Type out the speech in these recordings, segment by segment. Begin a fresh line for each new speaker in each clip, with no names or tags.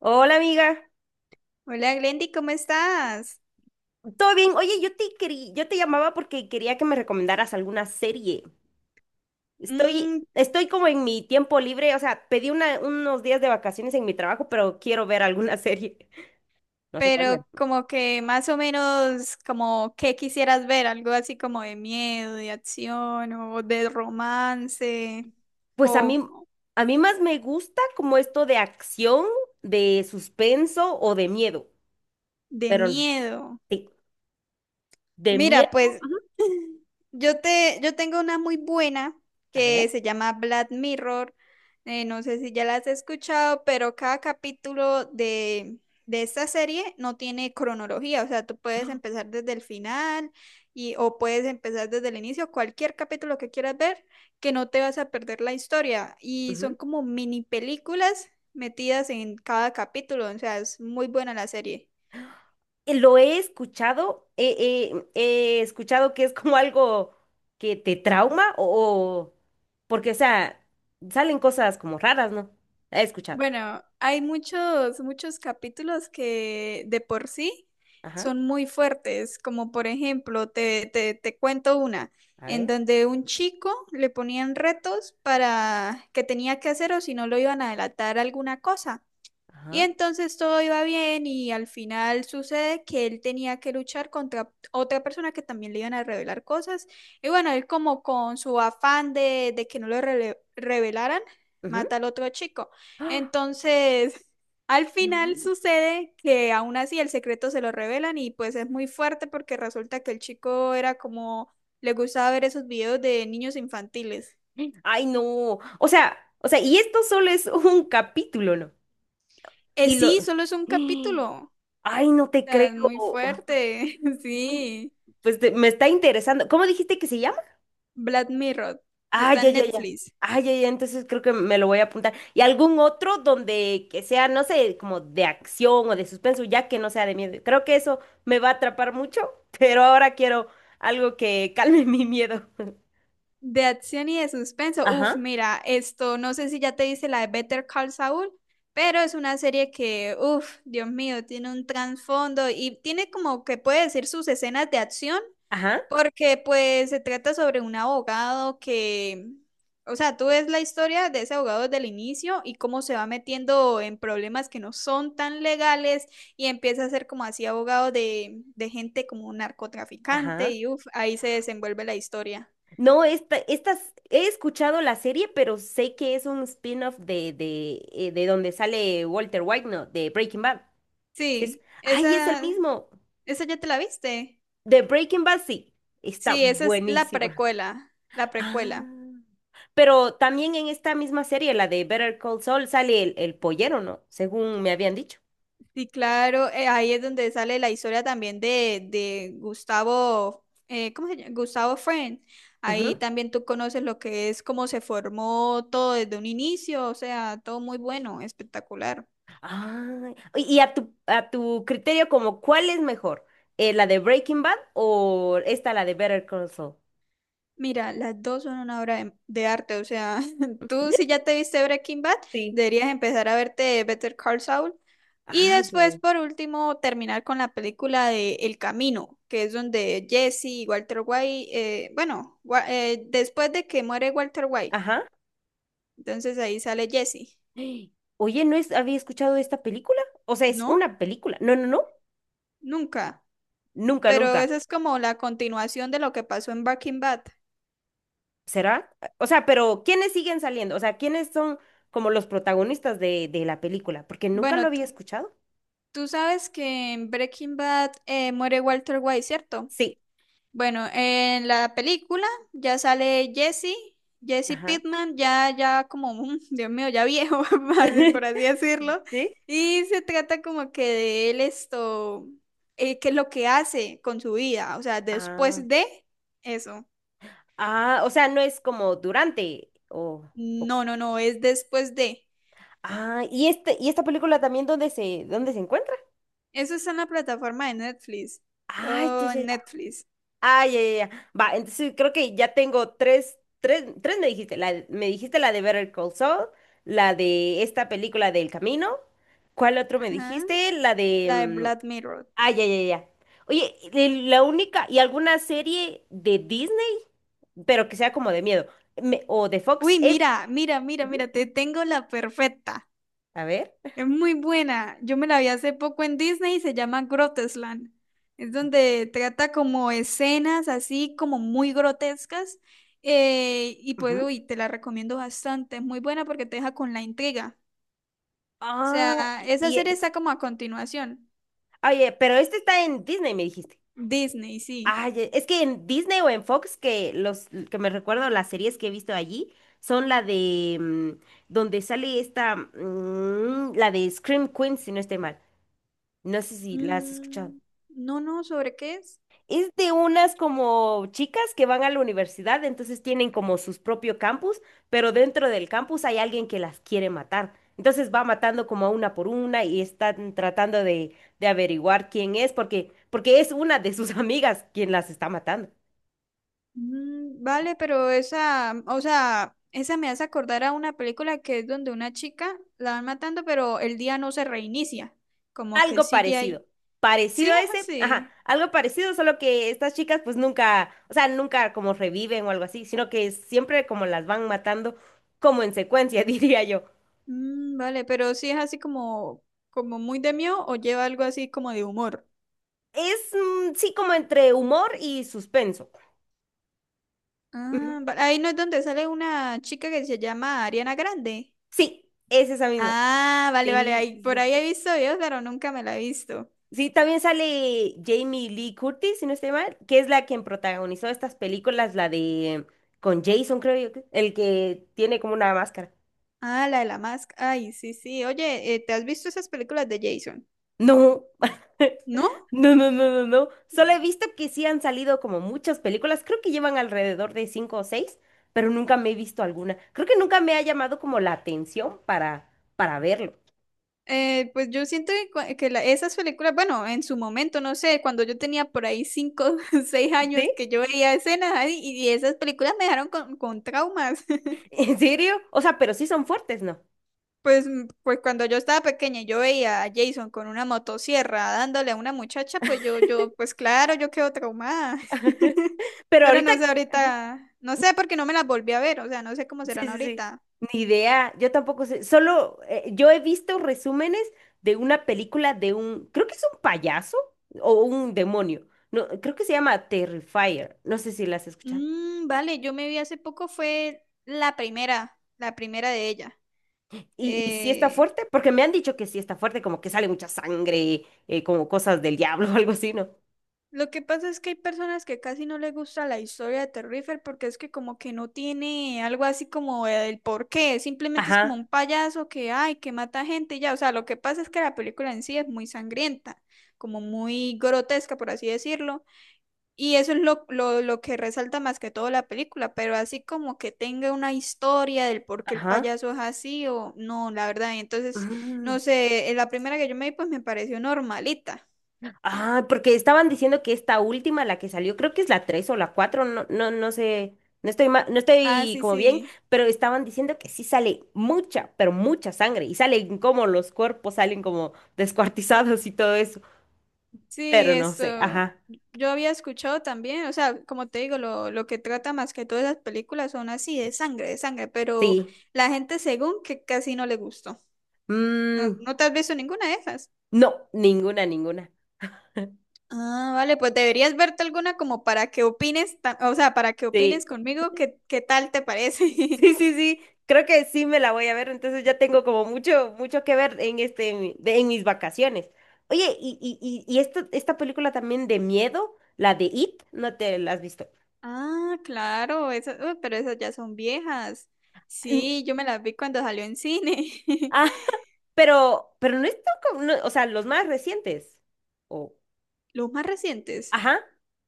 Hola amiga,
Hola Glendy, ¿cómo estás?
¿todo bien? Oye, yo te llamaba porque quería que me recomendaras alguna serie. Estoy,
Mm,
estoy como en mi tiempo libre, o sea, pedí unos días de vacaciones en mi trabajo, pero quiero ver alguna serie. No sé cuál me.
pero como que más o menos como qué quisieras ver, algo así como de miedo, de acción o de romance
Pues
o
a mí más me gusta como esto de acción, de suspenso o de miedo.
de
Pero
miedo.
sí, de
Mira,
miedo.
pues
Ujú.
yo tengo una muy buena
A
que
ver.
se llama Black Mirror. No sé si ya la has escuchado, pero cada capítulo de esta serie no tiene cronología. O sea, tú puedes empezar desde el final o puedes empezar desde el inicio, cualquier capítulo que quieras ver, que no te vas a perder la historia. Y son como mini películas metidas en cada capítulo. O sea, es muy buena la serie.
Lo he escuchado que es como algo que te trauma porque, o sea, salen cosas como raras, ¿no? He escuchado.
Bueno, hay muchos capítulos que de por sí
Ajá,
son muy fuertes, como por ejemplo, te cuento una,
a
en
ver,
donde un chico le ponían retos para que tenía que hacer o si no lo iban a delatar alguna cosa. Y
ajá,
entonces todo iba bien y al final sucede que él tenía que luchar contra otra persona que también le iban a revelar cosas. Y bueno, él como con su afán de que no lo revelaran,
ujú.
mata al otro chico.
¡Ah!
Entonces, al final
No.
sucede que aún así el secreto se lo revelan y pues es muy fuerte porque resulta que el chico era como, le gustaba ver esos videos de niños infantiles.
Ay, no. O sea, y esto solo es un capítulo, ¿no? Y lo...
Sí, solo es un capítulo. O
Ay, no te creo.
sea, es muy fuerte,
Sí,
sí.
Me está interesando. ¿Cómo dijiste que se llama?
Black Mirror.
Ah,
Está
ya,
en
ya, ya.
Netflix.
Ah, ya, ya, entonces creo que me lo voy a apuntar. ¿Y algún otro donde que sea, no sé, como de acción o de suspenso, ya que no sea de miedo? Creo que eso me va a atrapar mucho, pero ahora quiero algo que calme mi miedo.
De acción y de suspenso. Uf,
Ajá,
mira, esto no sé si ya te dice la de Better Call Saul, pero es una serie que, uf, Dios mío, tiene un trasfondo y tiene como que puede decir sus escenas de acción.
ajá,
Porque pues se trata sobre un abogado que, o sea, tú ves la historia de ese abogado desde el inicio y cómo se va metiendo en problemas que no son tan legales y empieza a ser como así abogado de gente como un narcotraficante
ajá.
y uff, ahí se desenvuelve la historia.
No, estas, he escuchado la serie, pero sé que es un spin-off de donde sale Walter White, ¿no? De Breaking Bad. Sí, Es,
Sí,
ay, es el
esa,
mismo.
esa ya te la viste.
De Breaking Bad, sí. Está
Sí, esa es la
buenísima.
precuela, la precuela.
Ah. Pero también en esta misma serie, la de Better Call Saul, sale el pollero, ¿no? Según me habían dicho.
Sí, claro, ahí es donde sale la historia también de Gustavo, ¿cómo se llama? Gustavo Friend. Ahí
Ujú.
también tú conoces lo que es cómo se formó todo desde un inicio, o sea, todo muy bueno, espectacular.
Ah, y a tu criterio, como, ¿cuál es mejor? ¿La de Breaking Bad o esta, la de Better Call Saul?
Mira, las dos son una obra de arte, o sea, tú si ya te viste Breaking Bad,
Sí.
deberías empezar a verte Better Call Saul y
Ah, ya.
después,
Ya.
por último, terminar con la película de El Camino, que es donde Jesse y Walter White, bueno, después de que muere Walter White,
Ajá.
entonces ahí sale Jesse,
Oye, ¿no es, había escuchado de esta película? O sea, es
¿no?
una película. No, no, no.
Nunca,
Nunca,
pero
nunca.
esa es como la continuación de lo que pasó en Breaking Bad.
¿Será? O sea, pero ¿quiénes siguen saliendo? O sea, ¿quiénes son como los protagonistas de la película? Porque nunca lo
Bueno,
había escuchado.
tú sabes que en Breaking Bad muere Walter White, ¿cierto?
Sí.
Bueno, en la película ya sale Jesse, Jesse
Ajá.
Pittman, ya como, mm, Dios mío, ya viejo, así por así decirlo.
¿Sí?
Y se trata como que de él esto, qué es lo que hace con su vida, o sea,
Ah,
después de eso.
ah, o sea, no es como durante o-
No, es después de.
Ah, y esta película también ¿dónde se encuentra?
Eso está en la plataforma de Netflix,
Ay, ya,
todo
ya, ya.
en Netflix.
Ah, ya, ya, ya. Va, entonces creo que ya tengo tres, tres, tres me dijiste, me dijiste la de Better Call Saul, la de esta película del camino. ¿Cuál otro me
Ajá.
dijiste? La de
La de
mm,
Black Mirror.
Ah, ya, ya, ya. Oye, y la única y alguna serie de Disney, pero que sea como de miedo, o de Fox,
Uy,
ujú,
mira, te tengo la perfecta.
a ver.
Es muy buena. Yo me la vi hace poco en Disney y se llama Grotesland. Es donde trata como escenas así como muy grotescas. Y pues,
Ajá.
uy, te la recomiendo bastante. Es muy buena porque te deja con la intriga. O
Ah,
sea, esa
y
serie
es.
está como a continuación.
Oye, pero este está en Disney, me dijiste.
Disney, sí.
Ay, e, es que en Disney o en Fox, que los que me recuerdo las series que he visto allí son la de mm, donde sale esta, mm, la de Scream Queen, si no estoy mal. No sé si la has escuchado.
Mm, no, no, ¿sobre qué es?
Es de unas como chicas que van a la universidad, entonces tienen como sus propio campus, pero dentro del campus hay alguien que las quiere matar. Entonces va matando como a una por una y están tratando de averiguar quién es, porque es una de sus amigas quien las está matando.
Mm, vale, pero esa, o sea, esa me hace acordar a una película que es donde una chica la van matando, pero el día no se reinicia, como que
Algo
sigue ahí.
parecido.
Sí,
Parecido a
es
ese, ajá,
así.
algo parecido, solo que estas chicas pues nunca, o sea, nunca como reviven o algo así, sino que siempre como las van matando como en secuencia, diría yo.
Mm, vale, pero sí es así como, como muy de mío o lleva algo así como de humor.
Es, mm, sí, como entre humor y suspenso. Ujú.
Ah, ahí no es donde sale una chica que se llama Ariana Grande.
Sí, es esa misma.
Ah, vale, vale,
Sí,
ahí,
sí,
por
sí.
ahí he visto videos, pero nunca me la he visto.
Sí, también sale Jamie Lee Curtis, si no estoy mal, que es la quien protagonizó estas películas, la de con Jason, creo yo, el que tiene como una máscara.
Ah, la de la máscara. Ay, sí, sí. Oye, ¿te has visto esas películas de Jason?
No,
¿No?
no, no, no, no, no. Solo he visto que sí han salido como muchas películas, creo que llevan alrededor de cinco o seis, pero nunca me he visto alguna. Creo que nunca me ha llamado como la atención para verlo.
Pues yo siento que, esas películas, bueno, en su momento, no sé, cuando yo tenía por ahí cinco, seis años
¿Sí?
que yo veía escenas ahí y esas películas me dejaron con traumas.
¿En serio? O sea, pero sí son fuertes, ¿no?
Pues, mm, pues cuando yo estaba pequeña y yo veía a Jason con una motosierra dándole a una muchacha, pues yo, pues claro, yo quedo traumada.
Pero
Pero
ahorita,
no sé ahorita, no sé porque no me las volví a ver, o sea, no sé cómo
sí,
serán
sí, sí,
ahorita.
ni idea, yo tampoco sé, solo yo he visto resúmenes de una película de un, creo que es un payaso o un demonio, no, creo que se llama Terrifier, no sé si la has escuchado.
Mm, vale, yo me vi hace poco, fue la primera de ella.
Y sí está
Eh,
fuerte, porque me han dicho que sí está fuerte, como que sale mucha sangre, como cosas del diablo o algo así, ¿no?
Lo que pasa es que hay personas que casi no les gusta la historia de Terrifier porque es que como que no tiene algo así como el porqué, simplemente es como
Ajá,
un payaso que ay, que mata gente y ya, o sea, lo que pasa es que la película en sí es muy sangrienta, como muy grotesca por así decirlo, y eso es lo que resalta más que todo la película, pero así como que tenga una historia del por qué el
ajá.
payaso es así o no, la verdad, y entonces,
Mm.
no sé, la primera que yo me vi pues me pareció normalita.
Ah, porque estaban diciendo que esta última, la que salió, creo que es la 3 o la 4, no, no, no sé, no
Ah,
estoy
sí,
como bien,
sí.
pero estaban diciendo que sí sale mucha, pero mucha sangre, y salen como los cuerpos salen como descuartizados y todo eso,
Sí,
pero no sé,
esto
ajá,
yo había escuchado también, o sea, como te digo, lo que trata más que todas las películas son así, de sangre, pero
sí.
la gente según que casi no le gustó. ¿No,
Mm,
no te has visto ninguna de esas?
no, ninguna, ninguna.
Ah, vale, pues deberías verte alguna como para que opines, o sea, para que
Sí.
opines conmigo qué, qué tal te parece.
Sí, sí, sí, creo que sí me la voy a ver, entonces ya tengo como mucho, mucho que ver en este, en, en mis vacaciones. Oye, y esta película también de miedo, la de It, ¿no te la has visto?
Ah, claro, esas, uy, pero esas ya son viejas.
N-
Sí, yo me las vi cuando salió en cine.
Ah, pero no es tan como- no, o sea, los más recientes. O,
Los más recientes,
ajá,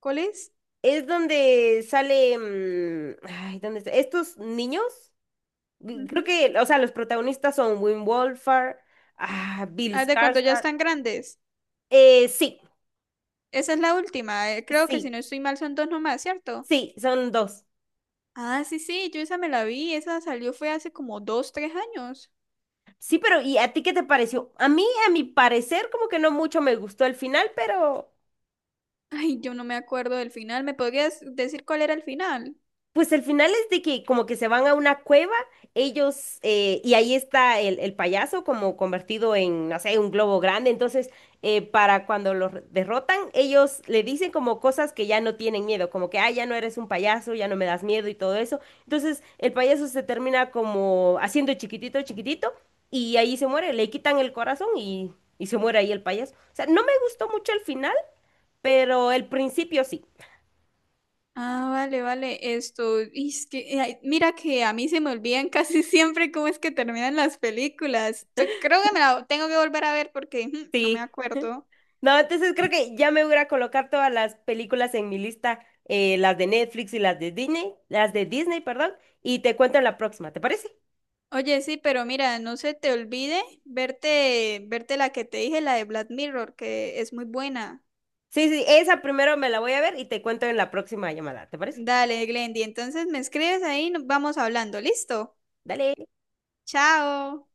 ¿cuál es?
es donde sale, mm, ay, ¿dónde está? Estos niños, mm,
Ujú.
creo que, o sea, los protagonistas son Wim Wolfhard, ah, Bill
Ah, de cuando ya
Skarsgård,
están grandes.
sí.
Esa es la última. Creo que si
Sí,
no estoy mal son dos nomás, ¿cierto?
Sí, son dos.
Ah, sí, sí, yo esa me la vi. Esa salió fue hace como dos, tres años.
Sí, pero ¿y a ti qué te pareció? A mí, a mi parecer, como que no mucho me gustó el final, pero
Ay, yo no me acuerdo del final. ¿Me podrías decir cuál era el final?
pues el final es de que como que se van a una cueva, ellos, y ahí está el payaso como convertido en, no sé, un globo grande. Entonces, para cuando los derrotan, ellos le dicen como cosas que ya no tienen miedo, como que, ah, ya no eres un payaso, ya no me das miedo y todo eso. Entonces, el payaso se termina como haciendo chiquitito, chiquitito, y ahí se muere, le quitan el corazón y se muere ahí el payaso. O sea, no me gustó mucho el final, pero el principio sí.
Ah, vale, vale. Esto, y es que, ay, mira que a mí se me olvidan casi siempre cómo es que terminan las películas. Creo que me la tengo que volver a ver porque ujú, no me
Sí,
acuerdo.
no, entonces creo que ya me voy a ir a colocar todas las películas en mi lista, las de Netflix y las de Disney, perdón, y te cuento en la próxima, ¿te parece?
Oye, sí, pero mira, no se te olvide verte la que te dije, la de Black Mirror, que es muy buena.
Sí, sí, esa primero me la voy a ver y te cuento en la próxima llamada, ¿te parece?
Dale, Glendy, entonces me escribes ahí, nos vamos hablando. ¿Listo?
Dale.
Chao.